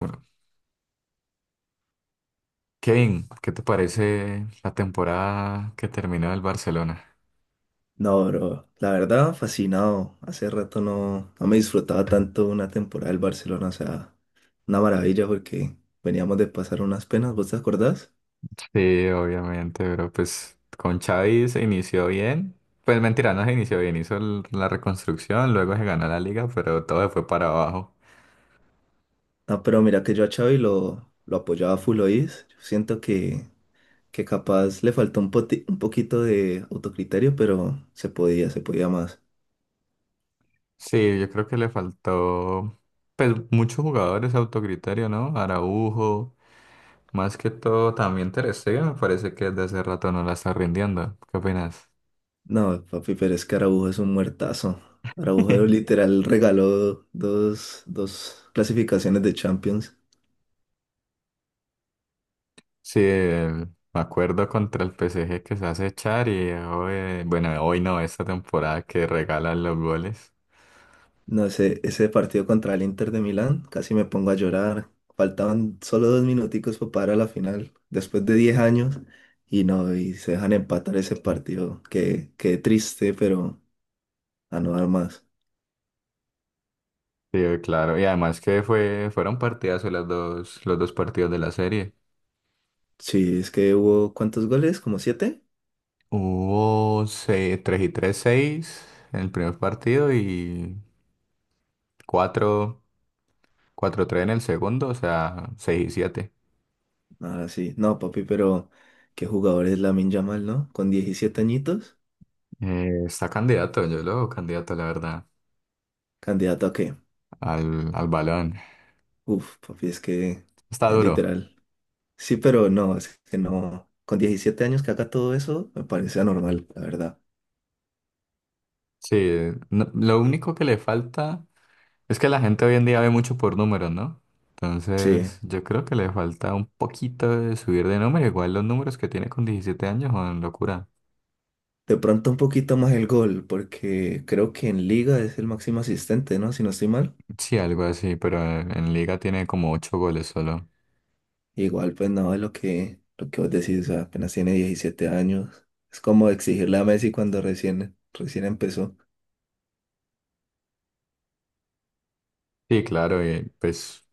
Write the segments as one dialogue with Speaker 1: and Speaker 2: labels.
Speaker 1: Bueno, Kevin, ¿qué te parece la temporada que terminó el Barcelona?
Speaker 2: No, bro, la verdad, fascinado. Hace rato no me disfrutaba tanto una temporada del Barcelona, o sea, una maravilla porque veníamos de pasar unas penas, ¿vos te acordás?
Speaker 1: Sí, obviamente, pero pues con Xavi se inició bien. Pues mentira, no se inició bien, hizo la reconstrucción, luego se ganó la liga, pero todo se fue para abajo.
Speaker 2: Ah, pero mira que yo a Xavi lo apoyaba full oís. Yo siento que capaz le faltó un poquito de autocriterio, pero se podía más.
Speaker 1: Sí, yo creo que le faltó pues muchos jugadores autocriterio, ¿no? Araujo, más que todo también Ter Stegen, me parece que desde hace rato no la está rindiendo. ¿Qué opinas?
Speaker 2: No, papi, pero es que Araujo es un muertazo. Araujo literal regaló dos clasificaciones de Champions.
Speaker 1: Sí, me acuerdo contra el PSG que se hace echar y hoy, bueno, hoy no, esta temporada que regalan los goles.
Speaker 2: No sé, ese partido contra el Inter de Milán, casi me pongo a llorar. Faltaban solo dos minuticos para parar a la final, después de 10 años, y no, y se dejan empatar ese partido. Qué triste, pero a no dar más.
Speaker 1: Sí, claro, y además que fueron partidazos los dos partidos de la serie.
Speaker 2: Sí, es que hubo, ¿cuántos goles? ¿Como siete?
Speaker 1: Hubo tres y tres seis en el primer partido y cuatro cuatro tres en el segundo, o sea, 6 y siete.
Speaker 2: Ah, sí. No, papi, pero qué jugador es Lamine Yamal, ¿no? Con 17 añitos,
Speaker 1: Está candidato, yo lo veo candidato, la verdad,
Speaker 2: ¿candidato a qué?
Speaker 1: al balón.
Speaker 2: Uf, papi, es que,
Speaker 1: Está duro.
Speaker 2: literal. Sí, pero no, es que no. Con 17 años que haga todo eso, me parece anormal, la verdad.
Speaker 1: Sí, lo único que le falta. Es que la gente hoy en día ve mucho por números, ¿no?
Speaker 2: Sí,
Speaker 1: Entonces, yo creo que le falta un poquito de subir de número. Igual los números que tiene con 17 años son locura.
Speaker 2: de pronto un poquito más el gol, porque creo que en liga es el máximo asistente, ¿no? Si no estoy mal.
Speaker 1: Sí, algo así, pero en liga tiene como 8 goles solo.
Speaker 2: Igual, pues no, es lo que vos decís, o sea, apenas tiene 17 años. Es como exigirle a Messi cuando recién empezó.
Speaker 1: Sí, claro, y pues,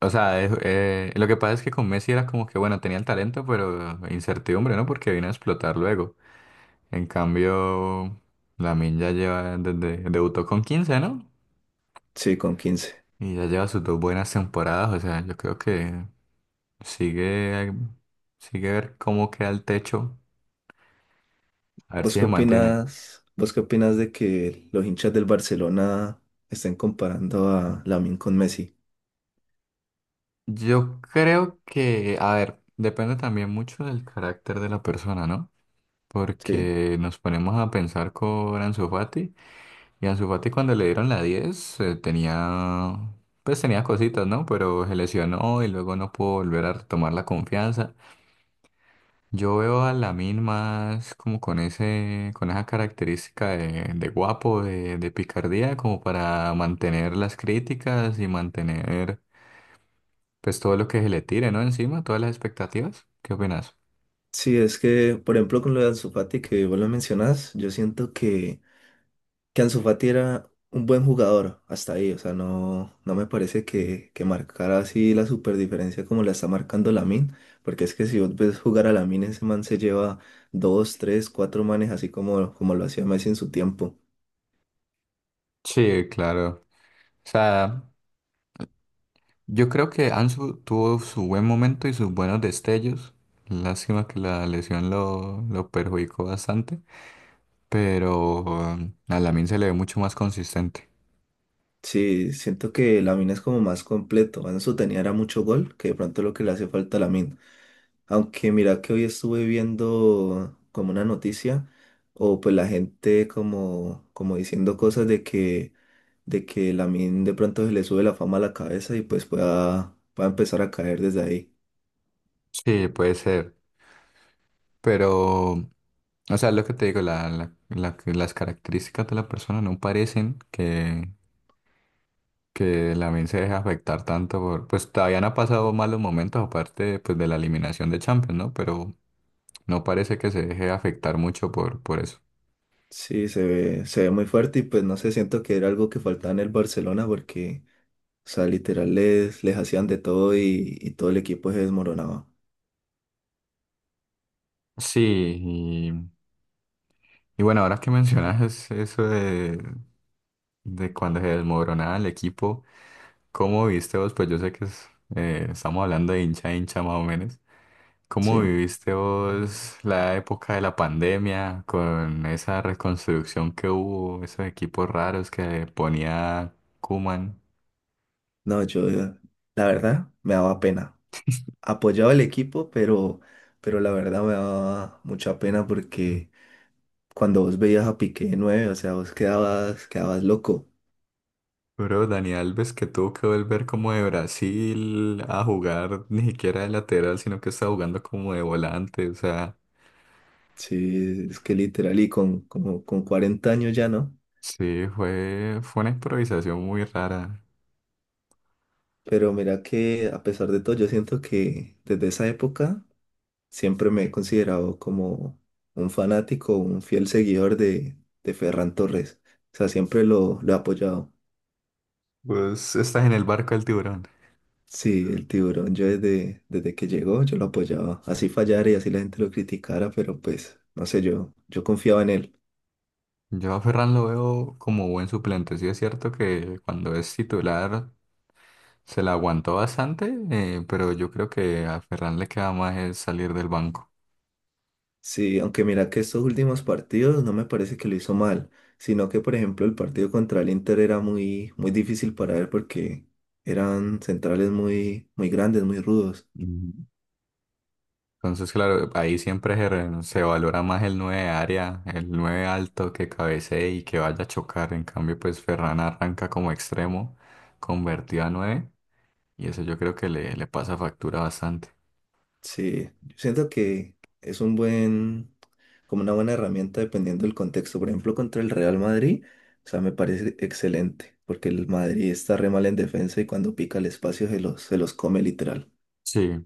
Speaker 1: o sea, lo que pasa es que con Messi era como que, bueno, tenía el talento, pero incertidumbre, ¿no? Porque vino a explotar luego. En cambio, Lamine ya lleva, debutó con 15, ¿no?
Speaker 2: Sí, con quince.
Speaker 1: Y ya lleva sus dos buenas temporadas, o sea, yo creo que sigue sí ver cómo queda el techo, a ver
Speaker 2: ¿Vos
Speaker 1: si
Speaker 2: qué
Speaker 1: se mantiene.
Speaker 2: opinas? ¿Vos qué opinas de que los hinchas del Barcelona estén comparando a Lamine con Messi?
Speaker 1: Yo creo que, a ver, depende también mucho del carácter de la persona, ¿no?
Speaker 2: Sí.
Speaker 1: Porque nos ponemos a pensar con Ansu Fati, y Ansu Fati cuando le dieron la 10, tenía, pues tenía cositas, ¿no? Pero se lesionó y luego no pudo volver a retomar la confianza. Yo veo a Lamine más como con ese, con esa característica de guapo, de picardía, como para mantener las críticas y mantener pues todo lo que se le tire, ¿no? Encima, todas las expectativas. ¿Qué opinas?
Speaker 2: Sí, es que, por ejemplo, con lo de Ansu Fati que vos lo mencionás, yo siento que Ansu Fati era un buen jugador hasta ahí, o sea, no me parece que marcara así la super diferencia como la está marcando Lamine, porque es que si vos ves jugar a Lamine, ese man se lleva dos, tres, cuatro manes así como, como lo hacía Messi en su tiempo.
Speaker 1: Sí, claro. O sea, yo creo que Ansu tuvo su buen momento y sus buenos destellos. Lástima que la lesión lo perjudicó bastante, pero a Lamine se le ve mucho más consistente.
Speaker 2: Sí, siento que Lamine es como más completo. Ansu tenía era mucho gol, que de pronto lo que le hace falta a Lamine. Aunque mira que hoy estuve viendo como una noticia, o pues la gente como, como diciendo cosas de que Lamine de pronto se le sube la fama a la cabeza y pues pueda empezar a caer desde ahí.
Speaker 1: Sí, puede ser. Pero, o sea, lo que te digo, las características de la persona no parecen que la mente se deje afectar tanto por, pues todavía no ha pasado malos momentos aparte pues de la eliminación de Champions, ¿no? Pero no parece que se deje afectar mucho por eso.
Speaker 2: Sí, se ve muy fuerte y pues no sé, siento que era algo que faltaba en el Barcelona porque, o sea, literal les hacían de todo y todo el equipo se desmoronaba.
Speaker 1: Sí, y, y bueno, ahora que mencionas eso de cuando se desmoronaba el equipo, ¿cómo viste vos? Pues yo sé que estamos hablando de hincha a hincha más o menos, ¿cómo
Speaker 2: Sí,
Speaker 1: viviste vos la época de la pandemia con esa reconstrucción que hubo, esos equipos raros que ponía Koeman?
Speaker 2: no, yo la verdad me daba pena. Apoyaba el equipo, pero la verdad me daba mucha pena porque cuando vos veías a Piqué de nueve, o sea, vos quedabas loco.
Speaker 1: Bro, Dani Alves que tuvo que volver como de Brasil a jugar ni siquiera de lateral, sino que estaba jugando como de volante. O sea,
Speaker 2: Sí, es que literal y con, como, con 40 años ya no,
Speaker 1: sí, fue una improvisación muy rara.
Speaker 2: pero mira que a pesar de todo yo siento que desde esa época siempre me he considerado como un fanático, un fiel seguidor de Ferran Torres, o sea, siempre lo he apoyado.
Speaker 1: Pues estás en el barco del tiburón.
Speaker 2: Sí, el tiburón, yo desde que llegó yo lo apoyaba, así fallara y así la gente lo criticara, pero pues no sé, yo confiaba en él.
Speaker 1: Yo a Ferran lo veo como buen suplente. Sí es cierto que cuando es titular se la aguantó bastante, pero yo creo que a Ferran le queda más el salir del banco.
Speaker 2: Sí, aunque mira que estos últimos partidos no me parece que lo hizo mal, sino que por ejemplo el partido contra el Inter era muy, muy difícil para él porque eran centrales muy, muy grandes, muy rudos.
Speaker 1: Ujú. Entonces, claro, ahí siempre se valora más el 9 de área, el 9 alto que cabecee y que vaya a chocar. En cambio, pues Ferran arranca como extremo, convertido a 9, y eso yo creo que le pasa factura bastante.
Speaker 2: Sí, yo siento que es un buen, como una buena herramienta dependiendo del contexto. Por ejemplo, contra el Real Madrid, o sea, me parece excelente, porque el Madrid está re mal en defensa y cuando pica el espacio se los come literal.
Speaker 1: Sí,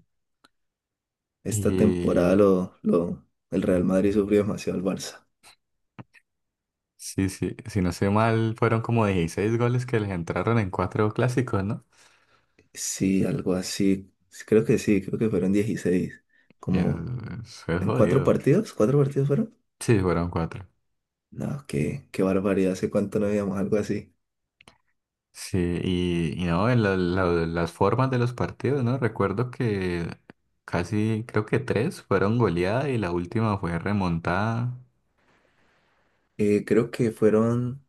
Speaker 2: Esta temporada
Speaker 1: y
Speaker 2: el Real Madrid sufrió demasiado al Barça.
Speaker 1: sí, sí, si no sé mal, fueron como 16 goles que les entraron en cuatro clásicos, ¿no?
Speaker 2: Sí, algo así. Sí, creo que sí, creo que fueron 16.
Speaker 1: Y
Speaker 2: Como
Speaker 1: eso es
Speaker 2: en
Speaker 1: jodido.
Speaker 2: ¿cuatro partidos fueron?
Speaker 1: Sí, fueron cuatro.
Speaker 2: No, qué, qué barbaridad, hace cuánto no veíamos algo así.
Speaker 1: Sí, y no, en las formas de los partidos, ¿no? Recuerdo que casi, creo que tres fueron goleadas y la última fue remontada.
Speaker 2: Creo que fueron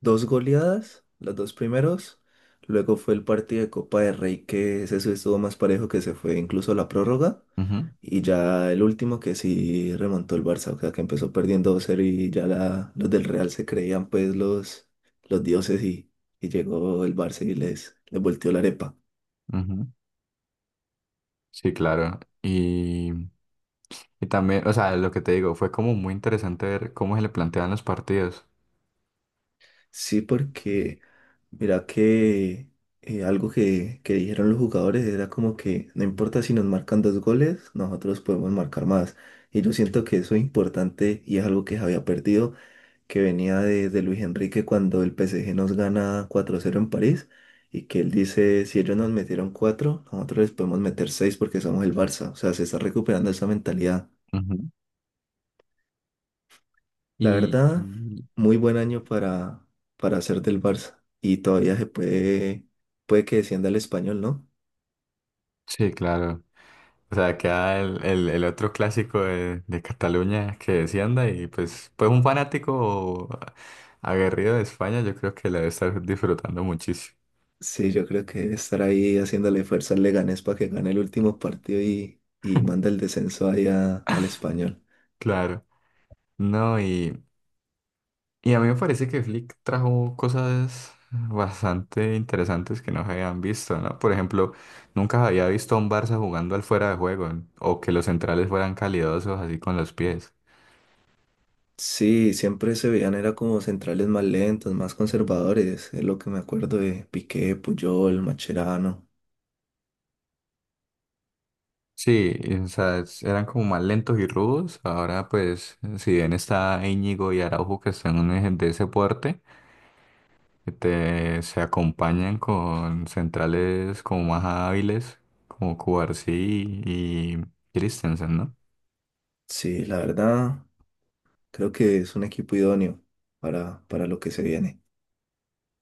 Speaker 2: dos goleadas, los dos primeros. Luego fue el partido de Copa de Rey que ese sí estuvo más parejo que se fue incluso a la prórroga.
Speaker 1: Ujú,
Speaker 2: Y ya el último que sí remontó el Barça, o sea, que empezó perdiendo dos cero y ya los del Real se creían pues los dioses y llegó el Barça y les volteó la arepa.
Speaker 1: ujú. Sí, claro. Y también, o sea, lo que te digo, fue como muy interesante ver cómo se le planteaban los partidos.
Speaker 2: Sí, porque mira que algo que dijeron los jugadores era como que no importa si nos marcan dos goles, nosotros podemos marcar más. Y yo siento que eso es importante y es algo que se había perdido que venía de Luis Enrique cuando el PSG nos gana 4-0 en París y que él dice, si ellos nos metieron 4 nosotros les podemos meter 6 porque somos el Barça. O sea, se está recuperando esa mentalidad.
Speaker 1: Ujú.
Speaker 2: La
Speaker 1: Y
Speaker 2: verdad,
Speaker 1: y-
Speaker 2: muy buen año para hacer del Barça y todavía se puede, puede que descienda el español, ¿no?
Speaker 1: sí, claro. O sea, queda el otro clásico de Cataluña que descienda y pues un fanático aguerrido de España yo creo que la debe estar disfrutando muchísimo.
Speaker 2: Sí, yo creo que estar ahí haciéndole fuerza al Leganés para que gane el último partido y manda el descenso allá al español.
Speaker 1: Claro. No, y a mí me parece que Flick trajo cosas bastante interesantes que no se habían visto, ¿no? Por ejemplo, nunca había visto a un Barça jugando al fuera de juego o que los centrales fueran calidosos así con los pies.
Speaker 2: Sí, siempre se veían, era como centrales más lentos, más conservadores, es lo que me acuerdo de Piqué, Puyol, Macherano.
Speaker 1: Sí, y, o sea, eran como más lentos y rudos. Ahora, pues, si bien está Íñigo y Araujo que están de ese porte, se acompañan con centrales como más hábiles, como Cubarsí y Christensen, ¿no?
Speaker 2: Sí, la verdad, creo que es un equipo idóneo para lo que se viene.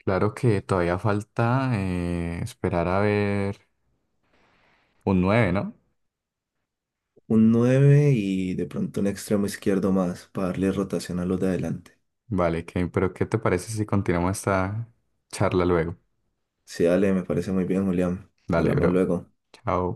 Speaker 1: Claro que todavía falta esperar a ver un 9, ¿no?
Speaker 2: Un nueve y de pronto un extremo izquierdo más para darle rotación a los de adelante.
Speaker 1: Vale, pero ¿qué te parece si continuamos esta charla luego?
Speaker 2: Sí, dale, me parece muy bien, Julián.
Speaker 1: Dale,
Speaker 2: Hablamos
Speaker 1: bro.
Speaker 2: luego.
Speaker 1: Chao.